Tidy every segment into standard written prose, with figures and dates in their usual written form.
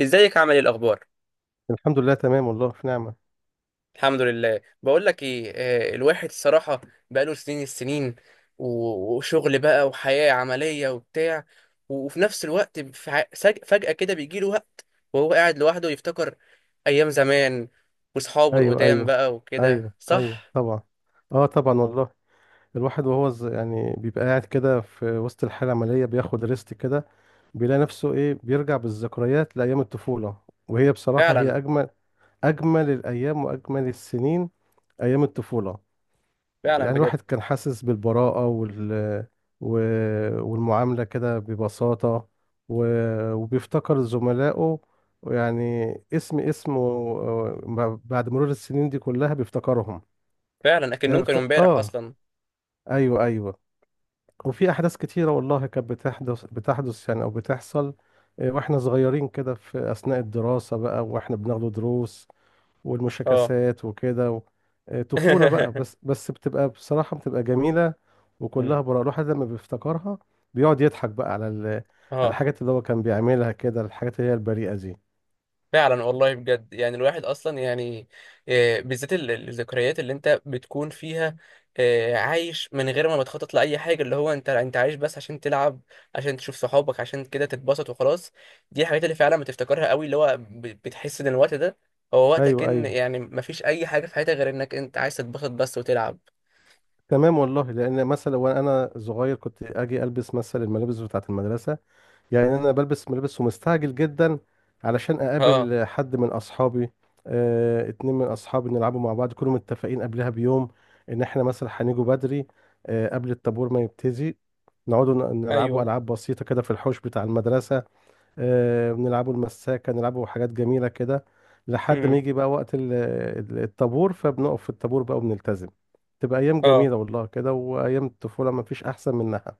ازيك؟ عامل ايه؟ الاخبار؟ الحمد لله تمام والله في نعمة. الحمد لله. بقول لك ايه، الواحد الصراحه بقاله سنين السنين وشغل بقى وحياه عمليه وبتاع. وفي نفس الوقت فجاه كده بيجي له وقت وهو قاعد لوحده يفتكر ايام زمان واصحابه ايوه القدام ايوه. بقى وكده، ايوه ايوه صح؟ طبعا. اه طبعا والله. الواحد وهو يعني بيبقى قاعد كده في وسط الحالة العملية بياخد ريست كده. بيلاقي نفسه ايه، بيرجع بالذكريات لأيام الطفولة. وهي بصراحة هي فعلا. أجمل الأيام وأجمل السنين، أيام الطفولة. فعلا يعني بجد. الواحد كان حاسس بالبراءة و... والمعاملة كده ببساطة، و... وبيفتكر زملائه. يعني اسمه، بعد مرور السنين دي كلها بيفتكرهم. فعلا يعني اكنهم كانوا بفت... امبارح اه اصلا. ايوه ايوه. وفي احداث كتيرة والله كانت بتحدث يعني او بتحصل. واحنا صغيرين كده، في اثناء الدراسة بقى واحنا بناخد دروس اه. والمشاكسات وكده طفولة بقى، بس بس بتبقى بصراحة بتبقى جميلة. وكلها براءة الواحد لما بيفتكرها، بيقعد يضحك بقى على اه الحاجات اللي هو كان بيعملها كده، الحاجات اللي هي البريئة دي. فعلا والله بجد، يعني الواحد اصلا يعني بالذات الذكريات اللي انت بتكون فيها، آه، عايش من غير ما بتخطط لاي حاجه، اللي هو انت عايش بس عشان تلعب، عشان تشوف صحابك، عشان كده تتبسط وخلاص. دي الحاجات اللي فعلا بتفتكرها قوي، اللي هو بتحس ان الوقت ده هو وقتك، ايوه ان ايوه. يعني مفيش اي حاجه في حياتك غير انك انت عايز تتبسط بس وتلعب. تمام والله، لان مثلا وانا صغير كنت اجي البس مثلا الملابس بتاعة المدرسة. يعني انا بلبس ملابس ومستعجل جدا، علشان اه. اقابل حد من اصحابي. اتنين من اصحابي نلعبوا مع بعض، كلهم متفقين قبلها بيوم ان احنا مثلا هنيجوا بدري، قبل الطابور ما يبتدي. نقعدوا نلعبوا ايوه. العاب بسيطه كده في الحوش بتاع المدرسه. بنلعبوا المساكه، نلعبوا حاجات جميله كده، لحد ما امم. يجي بقى وقت الطابور، فبنقف في الطابور بقى وبنلتزم. تبقى ايام اه جميله والله كده، وايام الطفوله ما فيش احسن منها.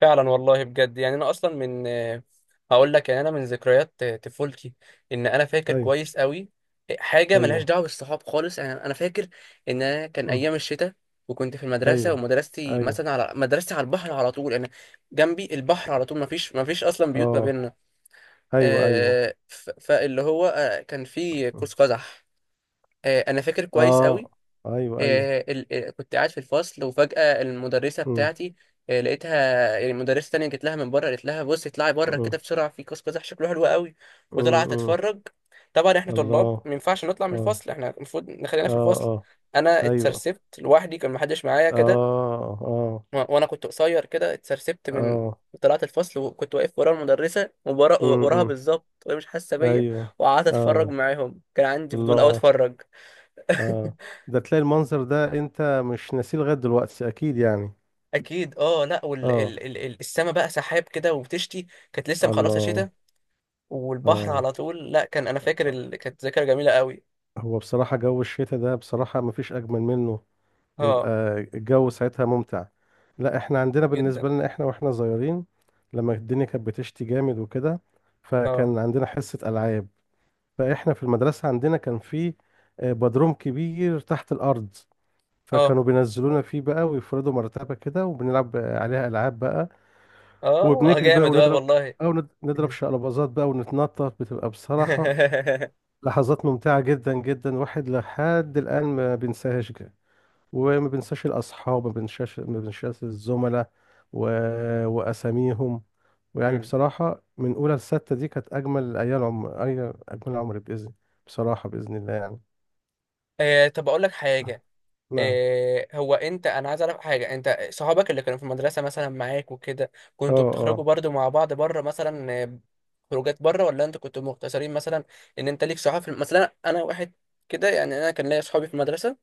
فعلا والله بجد، يعني انا اصلا من هقول لك، يعني انا من ذكريات طفولتي، ان انا فاكر ايوه كويس قوي حاجه ملهاش ايوه. دعوه بالصحاب خالص. يعني انا فاكر ان انا كان أمم، ايام الشتاء، وكنت في المدرسه، ايوه ومدرستي ايوه. مثلا على على البحر على طول. انا جنبي البحر على طول، ما فيش اصلا بيوت ما اه بيننا. ايوه ايوه. آه، فاللي هو آه، كان في قوس قزح. آه، انا فاكر كويس اه قوي. ايوه ايوه. آه، كنت قاعد في الفصل، وفجأة المدرسة امم. بتاعتي آه، لقيتها، يعني مدرسة تانية جت لها من بره قالت لها بصي اطلعي بره كده امم. بسرعة، في قوس قزح شكله حلو قوي. وطلعت إمم. تتفرج. طبعا احنا طلاب الله. ما ينفعش نطلع من اه الفصل، احنا المفروض نخلينا اه في الفصل. اه. انا ايوه. اتسرسبت لوحدي، كان محدش معايا كده. اه اه وانا كنت قصير كده، اتسرسبت من اه. طلعت الفصل وكنت واقف ورا المدرسة، وراها إمم. بالظبط وهي مش حاسة بيا. ايوه. وقعدت اتفرج اه. معاهم، كان عندي فضول اوي الله. اتفرج. اه. ده تلاقي المنظر ده انت مش ناسيه لغايه دلوقتي اكيد يعني؟ اكيد. اه، لا وال اه. ال ال ال- السما بقى سحاب كده وبتشتي، كانت لسه مخلصه الله. شتاء، والبحر اه. على طول. لا كان انا فاكر كانت ذاكره جميله قوي. هو بصراحه جو الشتاء ده بصراحه مفيش اجمل منه. اه بيبقى الجو ساعتها ممتع. لا احنا عندنا، جدا. بالنسبة لنا احنا واحنا صغيرين، لما الدنيا كانت بتشتي جامد وكده، اه. فكان عندنا حصة ألعاب. فاحنا في المدرسة عندنا كان في بدروم كبير تحت الأرض، اه. فكانوا بينزلونا فيه بقى، ويفردوا مرتبة كده وبنلعب عليها ألعاب بقى. اه وبنجري بقى جامد بقى ونضرب، والله. أو نضرب شقلباظات بقى ونتنطط، بتبقى بصراحة لحظات ممتعة جدا جدا، واحد لحد الآن ما بينساهاش. وما بنساش الأصحاب، ما بنساش، ما بنساش الزملاء و... وأساميهم. ويعني مم. بصراحة من أولى لستة دي كانت أجمل أيام عمر، أي أجمل عمر بإذن، بصراحة بإذن الله يعني. آه، طب اقول لك حاجه. نعم. إيه هو انت انا عايز اعرف حاجه، انت صحابك اللي كانوا في المدرسه مثلا معاك وكده، اه كنتوا بتخرجوا اه. برضو مع بعض بره مثلا آه، خروجات بره؟ ولا انتوا كنتوا مقتصرين مثلا ان انت ليك صحاب في مثلا انا واحد كده، يعني انا كان ليا صحابي في المدرسه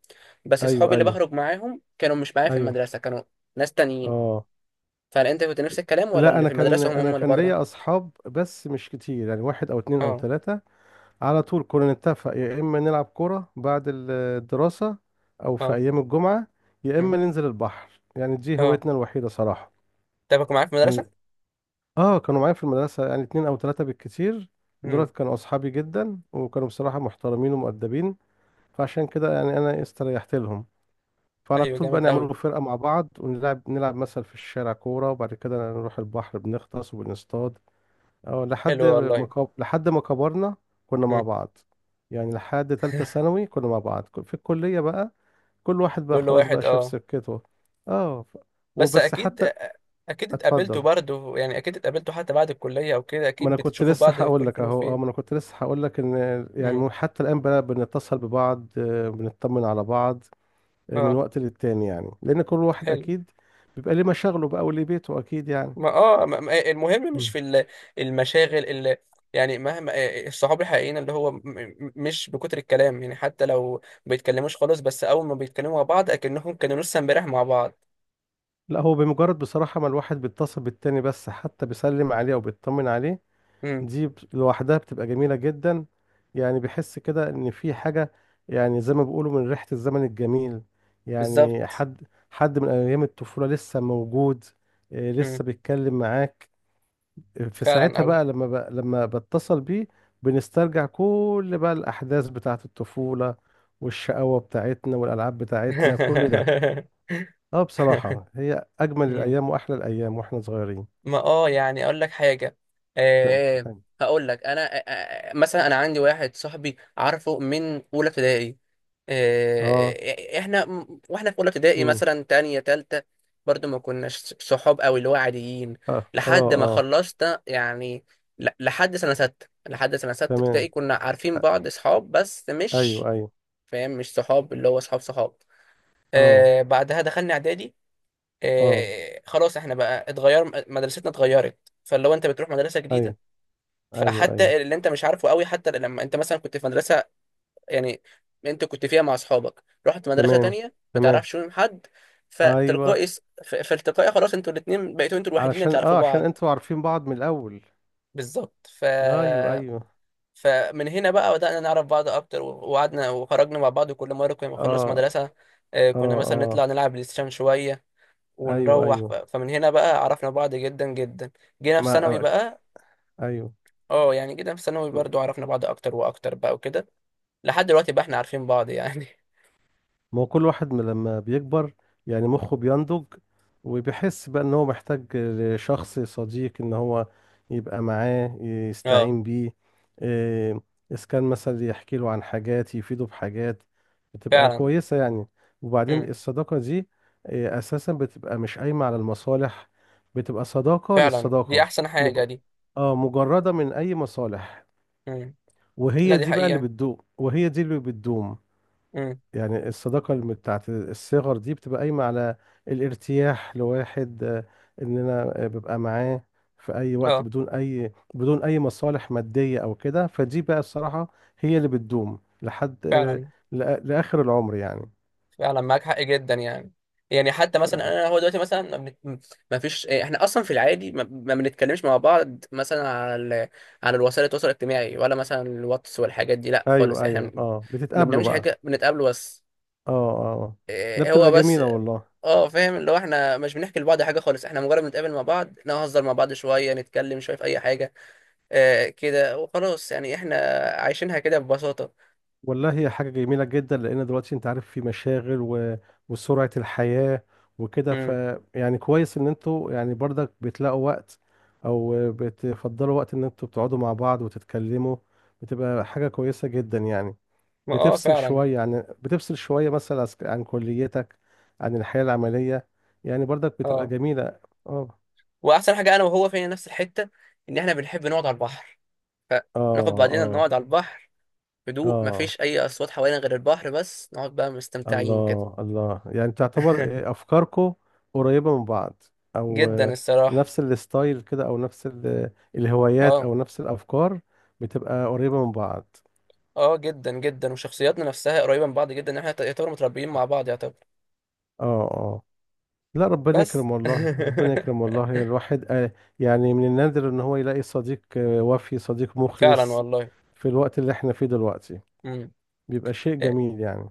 بس صحابي أيوه اللي أيوه بخرج معاهم كانوا مش معايا في أيوه المدرسه، كانوا ناس تانيين. اه. فهل انت كنت نفس الكلام ولا لا اللي أنا في كان المدرسه هم أنا هم اللي كان بره؟ ليا أصحاب بس مش كتير، يعني واحد أو اتنين أو اه. تلاتة. على طول كنا نتفق، يا إما نلعب كورة بعد الدراسة، أو في اه. أيام الجمعة، يا مم، إما ننزل البحر، يعني دي اه. هوايتنا الوحيدة صراحة. طب كنت معاك في يعني المدرسه؟ اه كانوا معايا في المدرسة، يعني اتنين او تلاتة بالكتير. امم. دولت كانوا اصحابي جدا، وكانوا بصراحة محترمين ومؤدبين، فعشان كده يعني انا استريحت لهم. فعلى ايوه طول بقى جامد قوي. نعملوا فرقة مع بعض، ونلعب مثلا في الشارع كورة، وبعد كده نروح البحر بنغطس وبنصطاد. اه حلو والله. لحد ما كبرنا، كنا مع مم. بعض. يعني لحد تالتة ثانوي كنا مع بعض، في الكلية بقى، كل واحد بقى كل خلاص واحد، بقى شاف اه. سكته. اه ف- بس وبس اكيد، حتى. اكيد اتقابلتوا اتفضل. برضه، يعني اكيد اتقابلتوا حتى بعد الكليه او كده، ما اكيد انا كنت بتشوفوا لسه بعض في هقول كل لك فين اهو اه ما انا وفين. كنت لسه هقول لك ان امم. يعني حتى الان بقى بنتصل ببعض، بنطمن على بعض من اه. وقت للتاني، يعني لان كل واحد حلو. اكيد بيبقى ليه مشاغله بقى وليه بيته اكيد يعني. ما اه، المهم مش مم. في المشاغل اللي، يعني مهما آه، الصحاب الحقيقيين اللي هو مش بكتر الكلام، يعني حتى لو ما بيتكلموش خالص بس اول ما بيتكلموا مع بعض اكنهم كانوا لسه امبارح مع بعض. لا هو بمجرد بصراحة ما الواحد بيتصل بالتاني بس، حتى بيسلم عليه او بيطمن عليه، امم. دي لوحدها بتبقى جميلة جدا. يعني بحس كده ان في حاجة، يعني زي ما بيقولوا من ريحة الزمن الجميل. يعني بالظبط. حد من ايام الطفولة لسه موجود، امم. لسه بيتكلم معاك في فعلا ساعتها قوي. بقى، لما بتصل بيه، بنسترجع كل بقى الاحداث بتاعة الطفولة، والشقاوة بتاعتنا والالعاب بتاعتنا كل ده. اه بصراحة هي اجمل الايام واحلى الايام واحنا صغيرين. ما اه، يعني اقول لك حاجه. أه، هقول لك انا أه، آه، مثلا انا عندي واحد صاحبي عارفه من اولى ابتدائي. اه. أه، احنا واحنا في اولى ابتدائي امم. مثلا تانية تالتة برضو ما كناش صحاب قوي، اللي هو عاديين. اه اه لحد ما اه. خلصنا، يعني لحد سنه سته ابتدائي تمام. كنا عارفين بعض صحاب بس مش ايوه ايوه. فاهم، مش صحاب اللي هو صحاب صحاب. اه أه، بعدها دخلنا اعدادي، اه. آه، خلاص احنا بقى اتغير، مدرستنا اتغيرت. فلو انت بتروح مدرسه ايوه جديده، ايوه ايوه. فحتى اللي انت مش عارفه قوي، حتى لما انت مثلا كنت في مدرسه، يعني انت كنت فيها مع اصحابك، رحت مدرسه تمام تانية ما تمام. تعرفش منهم حد، ايوه. فتلقائي فالتقائي خلاص انتوا الاثنين بقيتوا انتوا الوحيدين اللي علشان تعرفوا اه عشان بعض. انتوا عارفين بعض من الاول. بالظبط. ف، ايوه ايوه. فمن هنا بقى بدأنا نعرف بعض اكتر، وقعدنا وخرجنا مع بعض، وكل مره كنا بنخلص اه مدرسه آه، اه كنا مثلا نطلع اه. نلعب بلاي ستيشن شويه ايوه ونروح ايوه. فمن هنا بقى عرفنا بعض جدا جدا. جينا في ما ثانوي ما- بقى، ايوه. اه يعني جينا في ثانوي برضو عرفنا بعض اكتر واكتر بقى وكده، لحد دلوقتي بقى احنا عارفين بعض يعني. ما هو كل واحد من لما بيكبر يعني مخه بينضج، وبيحس بقى ان هو محتاج لشخص صديق، ان هو يبقى معاه اه يستعين بيه. إيه، اذا كان مثلا يحكي له عن حاجات، يفيده بحاجات بتبقى فعلا. كويسة يعني. وبعدين امم. الصداقة دي اساسا بتبقى مش قايمة على المصالح، بتبقى صداقة فعلا دي للصداقة. احسن مج... حاجة دي. اه مجردة من اي مصالح. امم. لا وهي دي دي بقى اللي حقيقة. بتدوم، وهي دي اللي بتدوم. امم. يعني الصداقة بتاعت الصغر دي بتبقى قايمة على الارتياح لواحد، ان انا ببقى معاه في اي وقت، اه بدون اي مصالح مادية او كده، فدي بقى الصراحة هي اللي بتدوم لحد فعلا. لاخر العمر يعني. فعلا معاك حق جدا يعني. يعني حتى مثلا آه، انا هو دلوقتي مثلا ما, بنت... ما فيش إيه، احنا اصلا في العادي ما بنتكلمش مع بعض مثلا على على الوسائل التواصل الاجتماعي ولا مثلا الواتس والحاجات دي، لا خالص. ايوه احنا ايوه، اه ما بتتقابلوا بنعملش بقى. حاجه، بنتقابل بس، اه اه آه. لا إيه هو بتبقى بس. جميلة والله. اه فاهم، اللي هو احنا مش بنحكي لبعض حاجه خالص، احنا مجرد بنتقابل مع بعض، نهزر مع بعض شويه، نتكلم شويه في اي حاجه، آه كده وخلاص يعني، احنا عايشينها كده ببساطه. والله هي حاجة جميلة جدا، لأن دلوقتي أنت عارف في مشاغل وسرعة الحياة وكده امم. يعني كويس إن أنتوا يعني برضك بتلاقوا وقت، أو بتفضلوا وقت إن أنتوا بتقعدوا مع بعض وتتكلموا، بتبقى حاجة كويسة جدا يعني. اه فعلا. بتفصل شوية مثلا عن كليتك، عن الحياة العملية، يعني برضك بتبقى اه، جميلة. اه. واحسن حاجه انا وهو فينا نفس الحته ان احنا بنحب نقعد على البحر، اه فناخد بعضنا اه نقعد على البحر، هدوء اه. مفيش اي اصوات حوالينا غير البحر بس، نقعد بقى مستمتعين كده. الله الله، يعني تعتبر افكاركو قريبة من بعض، او جدا الصراحه. نفس الستايل كده، او نفس الهوايات اه. او نفس الافكار، بتبقى قريبة من بعض. اه جدا جدا، وشخصياتنا نفسها قريبه من بعض جدا، ان احنا يعتبر متربيين مع بعض يعتبر. اه اه. لا ربنا بس يكرم والله، ربنا يكرم والله، الواحد يعني من النادر ان هو يلاقي صديق، وفي صديق فعلا مخلص والله. في الوقت اللي احنا فيه دلوقتي، امم. بيبقى شيء جميل يعني.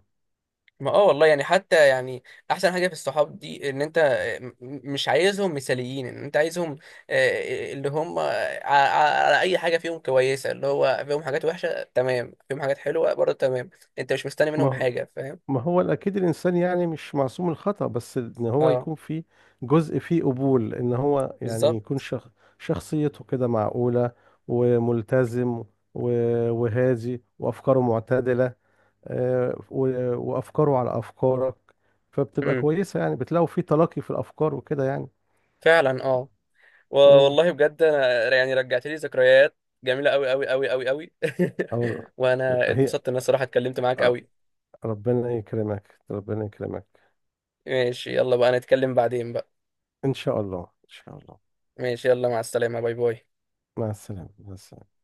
ما اه والله يعني، حتى يعني احسن حاجه في الصحاب دي ان انت م- مش عايزهم مثاليين، ان انت عايزهم آه، اللي هم على اي حاجه فيهم كويسه، اللي هو فيهم حاجات وحشه تمام، فيهم حاجات حلوه برضه تمام، انت مش مستني منهم ما حاجه، فاهم؟ ما هو اكيد الانسان يعني مش معصوم من الخطأ، بس ان هو اه. يكون في جزء فيه قبول، ان هو يعني بالظبط. يكون شخصيته كده معقولة، وملتزم، وهادي، وافكاره معتدلة، وافكاره على افكارك، فبتبقى امم. كويسة، يعني بتلاقوا في تلاقي في الافكار وكده يعني. فعلا. اه، مم. والله بجد انا يعني رجعت لي ذكريات جميله قوي قوي قوي قوي قوي. او. وانا هي. اتبسطت ان انا الصراحه اتكلمت معاك آه، قوي. ربنا يكرمك ربنا يكرمك. ماشي يلا بقى، نتكلم بعدين بقى. ان شاء الله ان شاء الله. ماشي يلا، مع السلامه، باي باي. مع السلامة مع السلامة.